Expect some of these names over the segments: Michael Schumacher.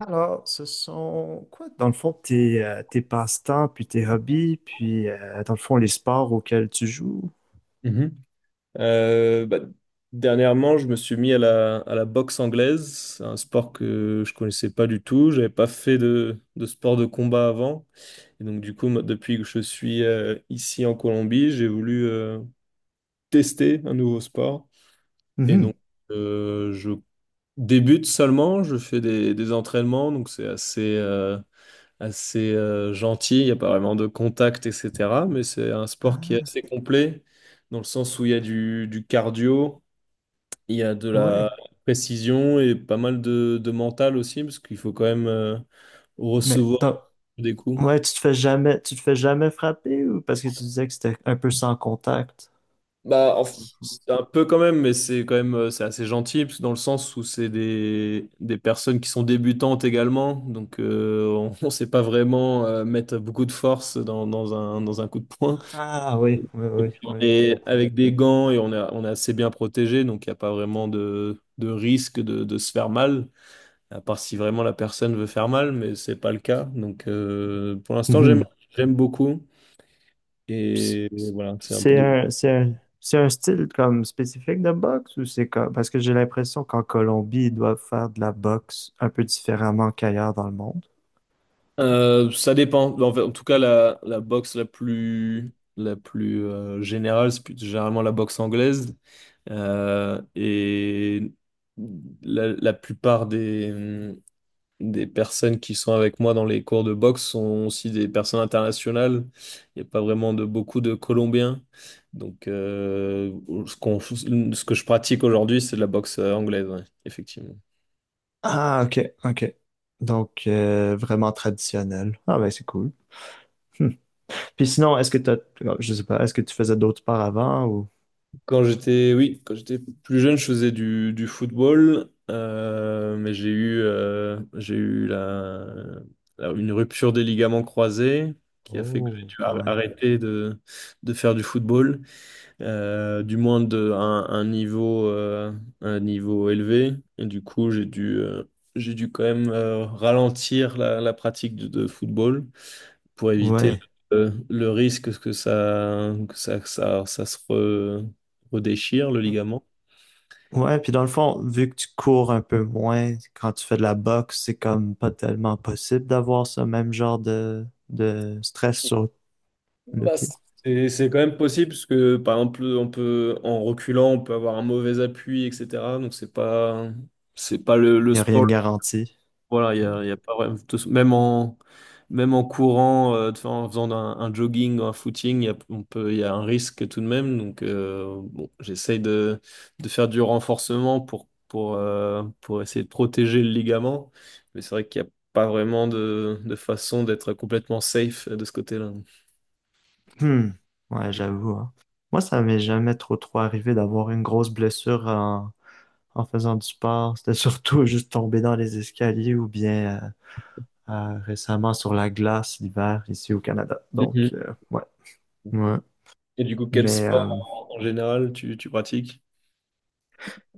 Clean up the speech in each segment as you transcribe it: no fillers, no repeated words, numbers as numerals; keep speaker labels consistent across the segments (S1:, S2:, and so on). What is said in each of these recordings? S1: Alors, ce sont quoi, dans le fond, tes, tes passe-temps, puis tes hobbies, puis dans le fond, les sports auxquels tu joues?
S2: Mhm. Euh, bah, dernièrement, je me suis mis à la boxe anglaise. C'est un sport que je connaissais pas du tout. J'avais pas fait de sport de combat avant, et donc du coup, moi, depuis que je suis ici en Colombie, j'ai voulu tester un nouveau sport, et
S1: Mhm.
S2: donc je débute seulement, je fais des entraînements, donc c'est assez gentil, il n'y a pas vraiment de contact, etc. Mais c'est un sport qui est
S1: Ah,
S2: assez complet, dans le sens où il y a du cardio, il y a de la
S1: ouais.
S2: précision et pas mal de mental aussi, parce qu'il faut quand même
S1: Mais
S2: recevoir
S1: donc,
S2: des coups.
S1: ouais, tu te fais jamais frapper ou parce que tu disais que c'était un peu sans contact?
S2: C'est un peu quand même, mais c'est quand même c'est assez gentil parce que dans le sens où c'est des personnes qui sont débutantes également, donc on ne sait pas vraiment mettre beaucoup de force dans un coup de poing.
S1: Ah oui, oui,
S2: Et
S1: oui,
S2: puis on
S1: oui, je
S2: est
S1: comprends.
S2: avec des gants et on est assez bien protégé, donc il n'y a pas vraiment de risque de se faire mal, à part si vraiment la personne veut faire mal, mais c'est pas le cas. Donc pour l'instant,
S1: Mhm.
S2: j'aime beaucoup
S1: Puis c-
S2: et voilà, c'est un peu
S1: C'est
S2: des…
S1: un, c'est un, c'est un style comme spécifique de boxe ou c'est comme, parce que j'ai l'impression qu'en Colombie, ils doivent faire de la boxe un peu différemment qu'ailleurs dans le monde.
S2: Ça dépend. En fait, en tout cas, la boxe la plus générale, c'est généralement la boxe anglaise. Et la plupart des personnes qui sont avec moi dans les cours de boxe sont aussi des personnes internationales. Il n'y a pas vraiment de beaucoup de Colombiens. Donc, ce que je pratique aujourd'hui, c'est de la boxe anglaise, ouais, effectivement.
S1: Ah, ok, ok. Donc, vraiment traditionnel. Ah, ben, c'est cool. Hmm. Puis sinon, oh, je sais pas, est-ce que tu faisais d'autres sports avant ou?
S2: Oui, quand j'étais plus jeune, je faisais du football, mais j'ai eu une rupture des ligaments croisés qui a fait que j'ai
S1: Oh,
S2: dû
S1: quand même.
S2: arrêter de faire du football, du moins de un niveau élevé. Et du coup, j'ai dû quand même ralentir la pratique de football pour éviter
S1: Ouais.
S2: le risque que ça se redéchire, le ligament.
S1: Ouais, puis dans le fond, vu que tu cours un peu moins, quand tu fais de la boxe, c'est comme pas tellement possible d'avoir ce même genre de stress sur le
S2: Bah,
S1: pied.
S2: c'est quand même possible, parce que par exemple, on peut, en reculant, on peut avoir un mauvais appui, etc. Donc c'est pas
S1: Il
S2: le
S1: n'y a rien de
S2: sport.
S1: garanti.
S2: Voilà,
S1: Ouais.
S2: il y a pas vraiment… de toute façon, même en courant, en faisant un jogging ou un footing, il y a un risque tout de même. Donc bon, j'essaye de faire du renforcement pour essayer de protéger le ligament, mais c'est vrai qu'il n'y a pas vraiment de façon d'être complètement safe de ce côté-là.
S1: Hmm. Ouais,
S2: Mhm.
S1: j'avoue, hein. Moi, ça m'est jamais trop trop arrivé d'avoir une grosse blessure en faisant du sport. C'était surtout juste tomber dans les escaliers ou bien récemment sur la glace l'hiver ici au Canada. Donc,
S2: Mhm.
S1: ouais. Ouais.
S2: Et du coup, quel
S1: Mais, euh,
S2: sport en général tu pratiques?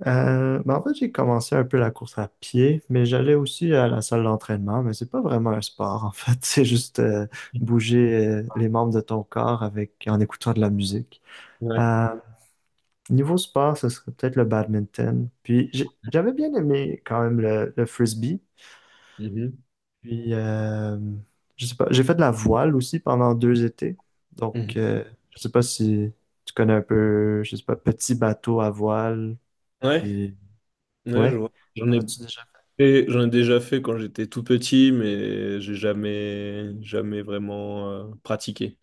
S1: mais en fait, j'ai commencé un peu la course à pied, mais j'allais aussi à la salle d'entraînement, mais c'est pas vraiment un sport, en fait. C'est juste bouger les membres de ton corps avec en écoutant de la musique.
S2: Ouais.
S1: Euh, Niveau sport, ce serait peut-être le badminton. Puis j'avais bien aimé quand même le frisbee.
S2: Mhm.
S1: Puis je sais pas, j'ai fait de la voile aussi pendant deux étés.
S2: Mhm.
S1: Donc je sais pas si tu connais un peu, je sais pas, petit bateau à voile.
S2: Ouais,
S1: Puis
S2: ouais, je
S1: ouais,
S2: vois. J'en
S1: en
S2: ai.
S1: as-tu déjà
S2: Et j'en ai déjà fait quand j'étais tout petit, mais j'ai jamais vraiment pratiqué.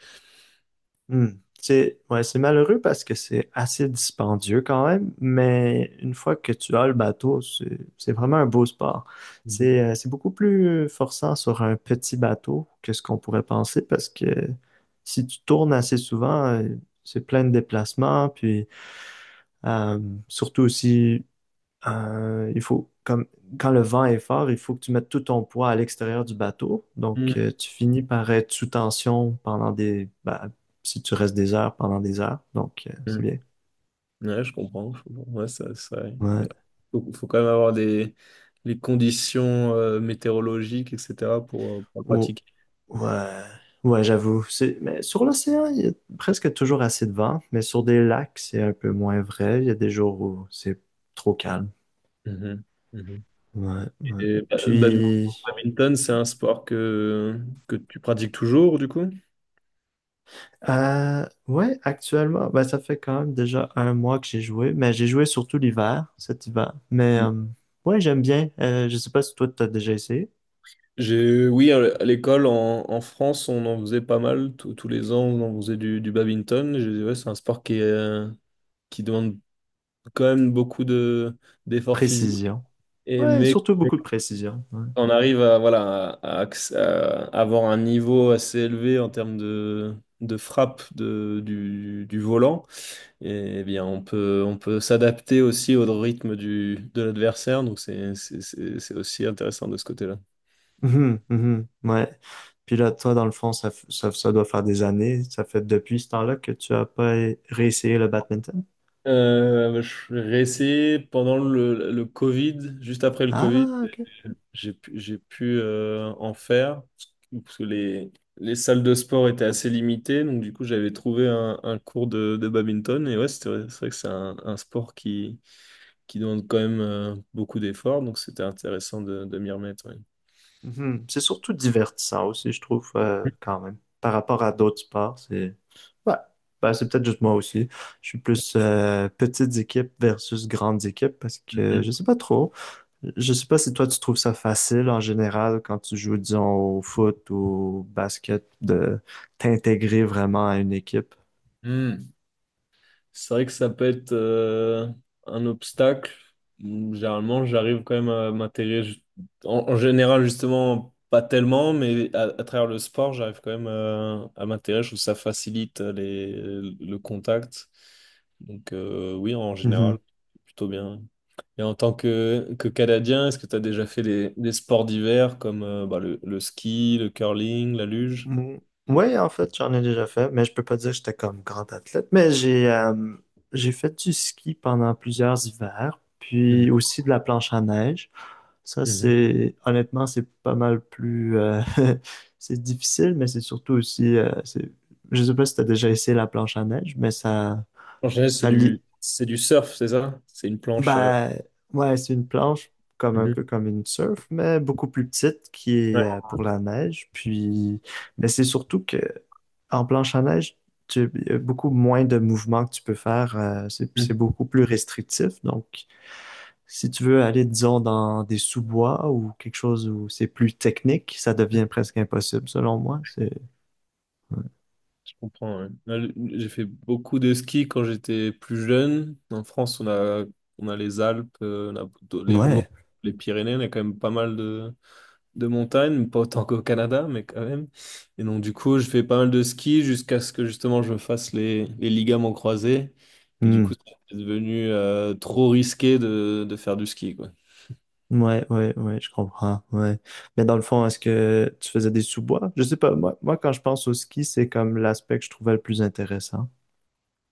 S1: Hmm. C'est ouais, c'est malheureux parce que c'est assez dispendieux quand même, mais une fois que tu as le bateau, c'est vraiment un beau sport.
S2: Mhm.
S1: C'est beaucoup plus forçant sur un petit bateau que ce qu'on pourrait penser parce que si tu tournes assez souvent, c'est plein de déplacements, puis euh, surtout aussi il faut, comme, quand le vent est fort, il faut que tu mettes tout ton poids à l'extérieur du bateau. Donc,
S2: Mm.
S1: tu finis par être sous tension si tu restes des heures, pendant des heures. Donc,
S2: Mm.
S1: c'est bien.
S2: Ouais, je comprends. Je comprends. Ouais,
S1: Ouais.
S2: faut quand même avoir des, les conditions météorologiques, etc., pour le
S1: Oh,
S2: pratiquer.
S1: ouais. Ouais, j'avoue. C'est, mais sur l'océan, il y a presque toujours assez de vent. Mais sur des lacs, c'est un peu moins vrai. Il y a des jours où c'est trop calme.
S2: Mhm. Mhm.
S1: Ouais, ouais.
S2: Et le
S1: Puis,
S2: badminton, c'est un sport que tu pratiques toujours, du coup?
S1: Ouais, actuellement, ben, ça fait quand même déjà un mois que j'ai joué, mais j'ai joué surtout l'hiver, cet hiver. Mais ouais, j'aime bien. Je sais pas si toi, t'as déjà essayé.
S2: J'ai, oui, à l'école en France, on en faisait pas mal. Tous les ans, on en faisait du badminton. Ouais, c'est un sport qui est qui demande quand même beaucoup d'efforts physiques.
S1: Précision.
S2: Et,
S1: Ouais, surtout
S2: mais
S1: beaucoup de
S2: quand
S1: précision. Ouais.
S2: on arrive à, voilà, à avoir un niveau assez élevé en termes de frappe du du volant, eh bien, on peut s'adapter aussi au rythme de l'adversaire. Donc, c'est aussi intéressant de ce côté-là.
S1: Mhm, mhm, ouais. Puis là, toi, dans le fond, ça doit faire des années. Ça fait depuis ce temps-là que tu as pas é- réessayé le badminton.
S2: Je réessayais pendant le Covid, juste après le Covid,
S1: Ah, ok.
S2: j'ai pu en faire parce que les salles de sport étaient assez limitées. Donc, du coup, j'avais trouvé un cours de badminton. Et ouais, c'est vrai que c'est un sport qui demande quand même beaucoup d'efforts. Donc, c'était intéressant de m'y remettre. Ouais.
S1: Mhm. C'est surtout divertissant aussi, je trouve, quand même. Par rapport à d'autres sports, c'est... Ouais, ben, c'est peut-être juste moi aussi. Je suis plus petites équipes versus grandes équipes parce que je sais pas trop. Je sais pas si toi, tu trouves ça facile en général quand tu joues, disons, au foot ou au basket de t'intégrer vraiment à une équipe.
S2: Mhm. C'est vrai que ça peut être un obstacle. Généralement, j'arrive quand même à m'intéresser. En général, justement, pas tellement, mais à travers le sport, j'arrive quand même à m'intéresser. Je trouve que ça facilite le contact. Donc, oui, en
S1: Mhm.
S2: général, plutôt bien. Et en tant que Canadien, est-ce que tu as déjà fait des sports d'hiver comme le ski, le curling, la luge?
S1: Mm. Oui, en fait, j'en ai déjà fait, mais je peux pas dire que j'étais comme grand athlète, mais j'ai fait du ski pendant plusieurs hivers, puis
S2: Mhm.
S1: aussi de la planche à neige. Ça,
S2: Mhm.
S1: c'est honnêtement, c'est pas mal plus. C'est difficile, mais c'est surtout aussi. Je sais pas si tu as déjà essayé la planche à neige, mais ça,
S2: En général, c'est
S1: ça lie.
S2: c'est du surf, c'est ça? C'est une planche, euh…
S1: Ben, ouais, c'est une planche comme un peu comme une surf, mais beaucoup plus petite qui
S2: Ouais.
S1: est pour la neige. Puis, mais c'est surtout que en planche à neige, tu, il y a beaucoup moins de mouvements que tu peux faire. C'est
S2: Mm.
S1: beaucoup plus restrictif, donc. Si tu veux aller, disons, dans des sous-bois ou quelque chose où c'est plus technique, ça devient presque impossible, selon moi. C'est...
S2: Je comprends. Ouais. J'ai fait beaucoup de ski quand j'étais plus jeune. En France, on a les Alpes, on a plutôt les Vosges,
S1: Ouais.
S2: les Pyrénées, on a quand même pas mal de montagnes, pas autant qu'au Canada, mais quand même. Et donc, du coup, je fais pas mal de ski jusqu'à ce que justement je fasse les ligaments croisés, que du coup,
S1: Hmm.
S2: c'est devenu trop risqué de faire du ski, quoi.
S1: Ouais, ouais, ouais, je comprends. Ouais. Mais dans le fond, est-ce que tu faisais des sous-bois? Je sais pas. Moi, quand je pense au ski, c'est comme l'aspect que je trouvais le plus intéressant.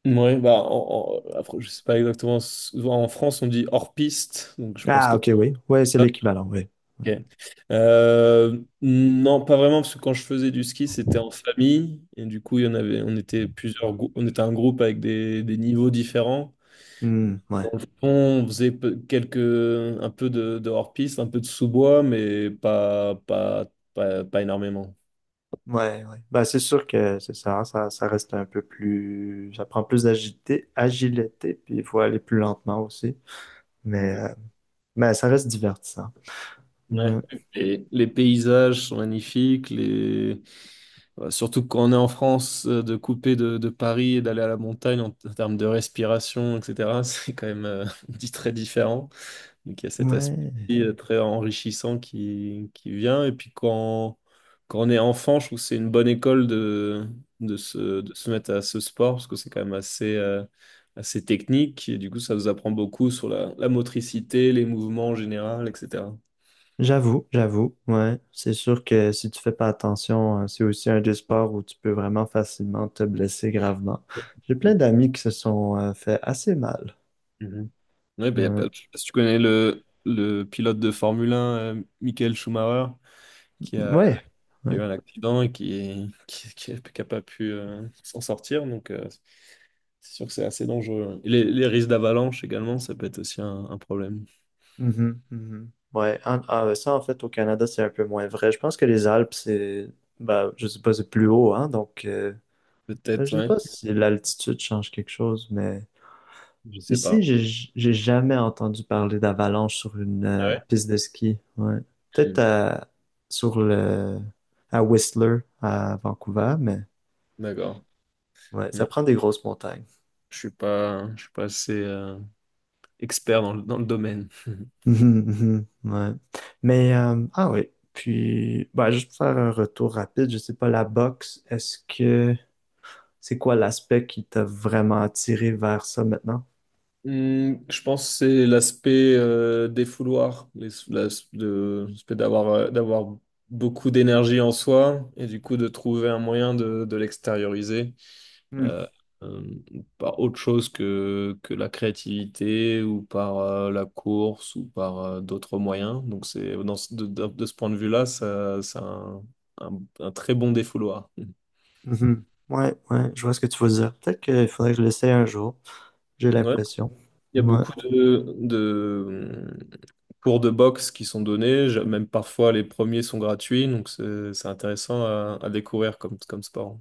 S2: Ouais, bah, après, je sais pas exactement. Souvent, en France, on dit hors piste, donc je pense
S1: Ah,
S2: que…
S1: ok, oui. Ouais, c'est l'équivalent, oui.
S2: Ok. Non, pas vraiment, parce que quand je faisais du ski, c'était en famille, et du coup, il y en avait, on était plusieurs, on était un groupe avec des niveaux différents.
S1: Hmm, ouais.
S2: Dans le fond, on faisait un peu de hors-piste, un peu de sous-bois, mais pas énormément.
S1: Ouais, ouais. Bah, c'est sûr que c'est ça reste un peu plus, ça prend plus agilité, puis il faut aller plus lentement aussi. Mais, euh, mais ça reste divertissant.
S2: Ouais.
S1: Ouais,
S2: Et les paysages sont magnifiques, les… surtout quand on est en France, de couper de Paris et d'aller à la montagne en termes de respiration, etc., c'est quand même dit très différent. Donc il y a cet aspect
S1: ouais,
S2: très enrichissant qui vient. Et quand on est enfant, je trouve que c'est une bonne école de se mettre à ce sport, parce que c'est assez technique. Et du coup, ça nous apprend beaucoup sur la motricité, les mouvements en général, etc.
S1: j'avoue, j'avoue, ouais. C'est sûr que si tu fais pas attention, c'est aussi un des sports où tu peux vraiment facilement te blesser gravement. J'ai plein d'amis qui se sont fait assez mal.
S2: Mhm. Ouais, ben, y a pas-
S1: Ouais,
S2: je sais pas si tu connais le pilote de Formule 1, Michael Schumacher, qui a,
S1: ouais,
S2: qui a eu
S1: ouais.
S2: un accident et qui a pas pu s'en sortir. Donc, c'est sûr que c'est assez dangereux. Et les risques d'avalanche également, ça peut être aussi un problème.
S1: Mhm, mhm. Ouais, ouais, ça en fait au Canada c'est un peu moins vrai. Je pense que les Alpes c'est, bah, je sais pas, c'est plus haut, hein. Donc,
S2: Peut-être,
S1: je sais
S2: ouais.
S1: pas si l'altitude change quelque chose, mais
S2: Je sais
S1: Ici,
S2: pas.
S1: j'ai jamais entendu parler d'avalanche sur une
S2: Ah
S1: piste de ski. Ouais.
S2: ouais?
S1: Peut-être
S2: Hmm.
S1: à- sur le à Whistler à Vancouver, mais
S2: D'accord.
S1: ouais, ça
S2: Non,
S1: prend des grosses montagnes.
S2: je suis pas assez expert dans le domaine.
S1: Mhm, mhm, ouais. Mais ah oui. Puis bah, juste pour faire un retour rapide, je sais pas, la boxe, est-ce que c'est quoi l'aspect qui t'a vraiment attiré vers ça maintenant?
S2: Hmm, je pense que c'est l'aspect défouloir, les- l'as- de- l'aspect d'avoir d'avoir beaucoup d'énergie en soi et du coup de trouver un moyen de l'extérioriser,
S1: Hmm,
S2: euh, euh, par autre chose que la créativité ou par la course ou par d'autres moyens. Donc c'est dans ce- de ce point de vue-là, ça, c'est un très bon défouloir.
S1: mhm. Ouais, ouais, je vois ce que tu veux dire. Peut-être qu'il faudrait que je l'essaie un jour. J'ai
S2: Ouais,
S1: l'impression.
S2: il y a
S1: Ouais.
S2: beaucoup de cours de boxe qui sont donnés. Même parfois les premiers sont gratuits, donc c'est intéressant à découvrir comme, comme sport.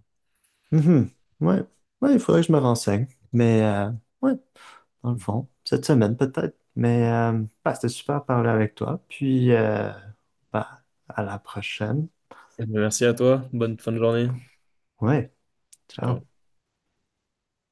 S1: Mhm. Ouais. Ouais, il faudrait que je me renseigne. Mais ouais, dans le
S2: Mm.
S1: fond, cette semaine peut-être. Mais bah, c'était super de parler avec toi. Puis bah, à la prochaine.
S2: Merci à toi, bonne fin de journée.
S1: Ouais,
S2: Ciao.
S1: ciao.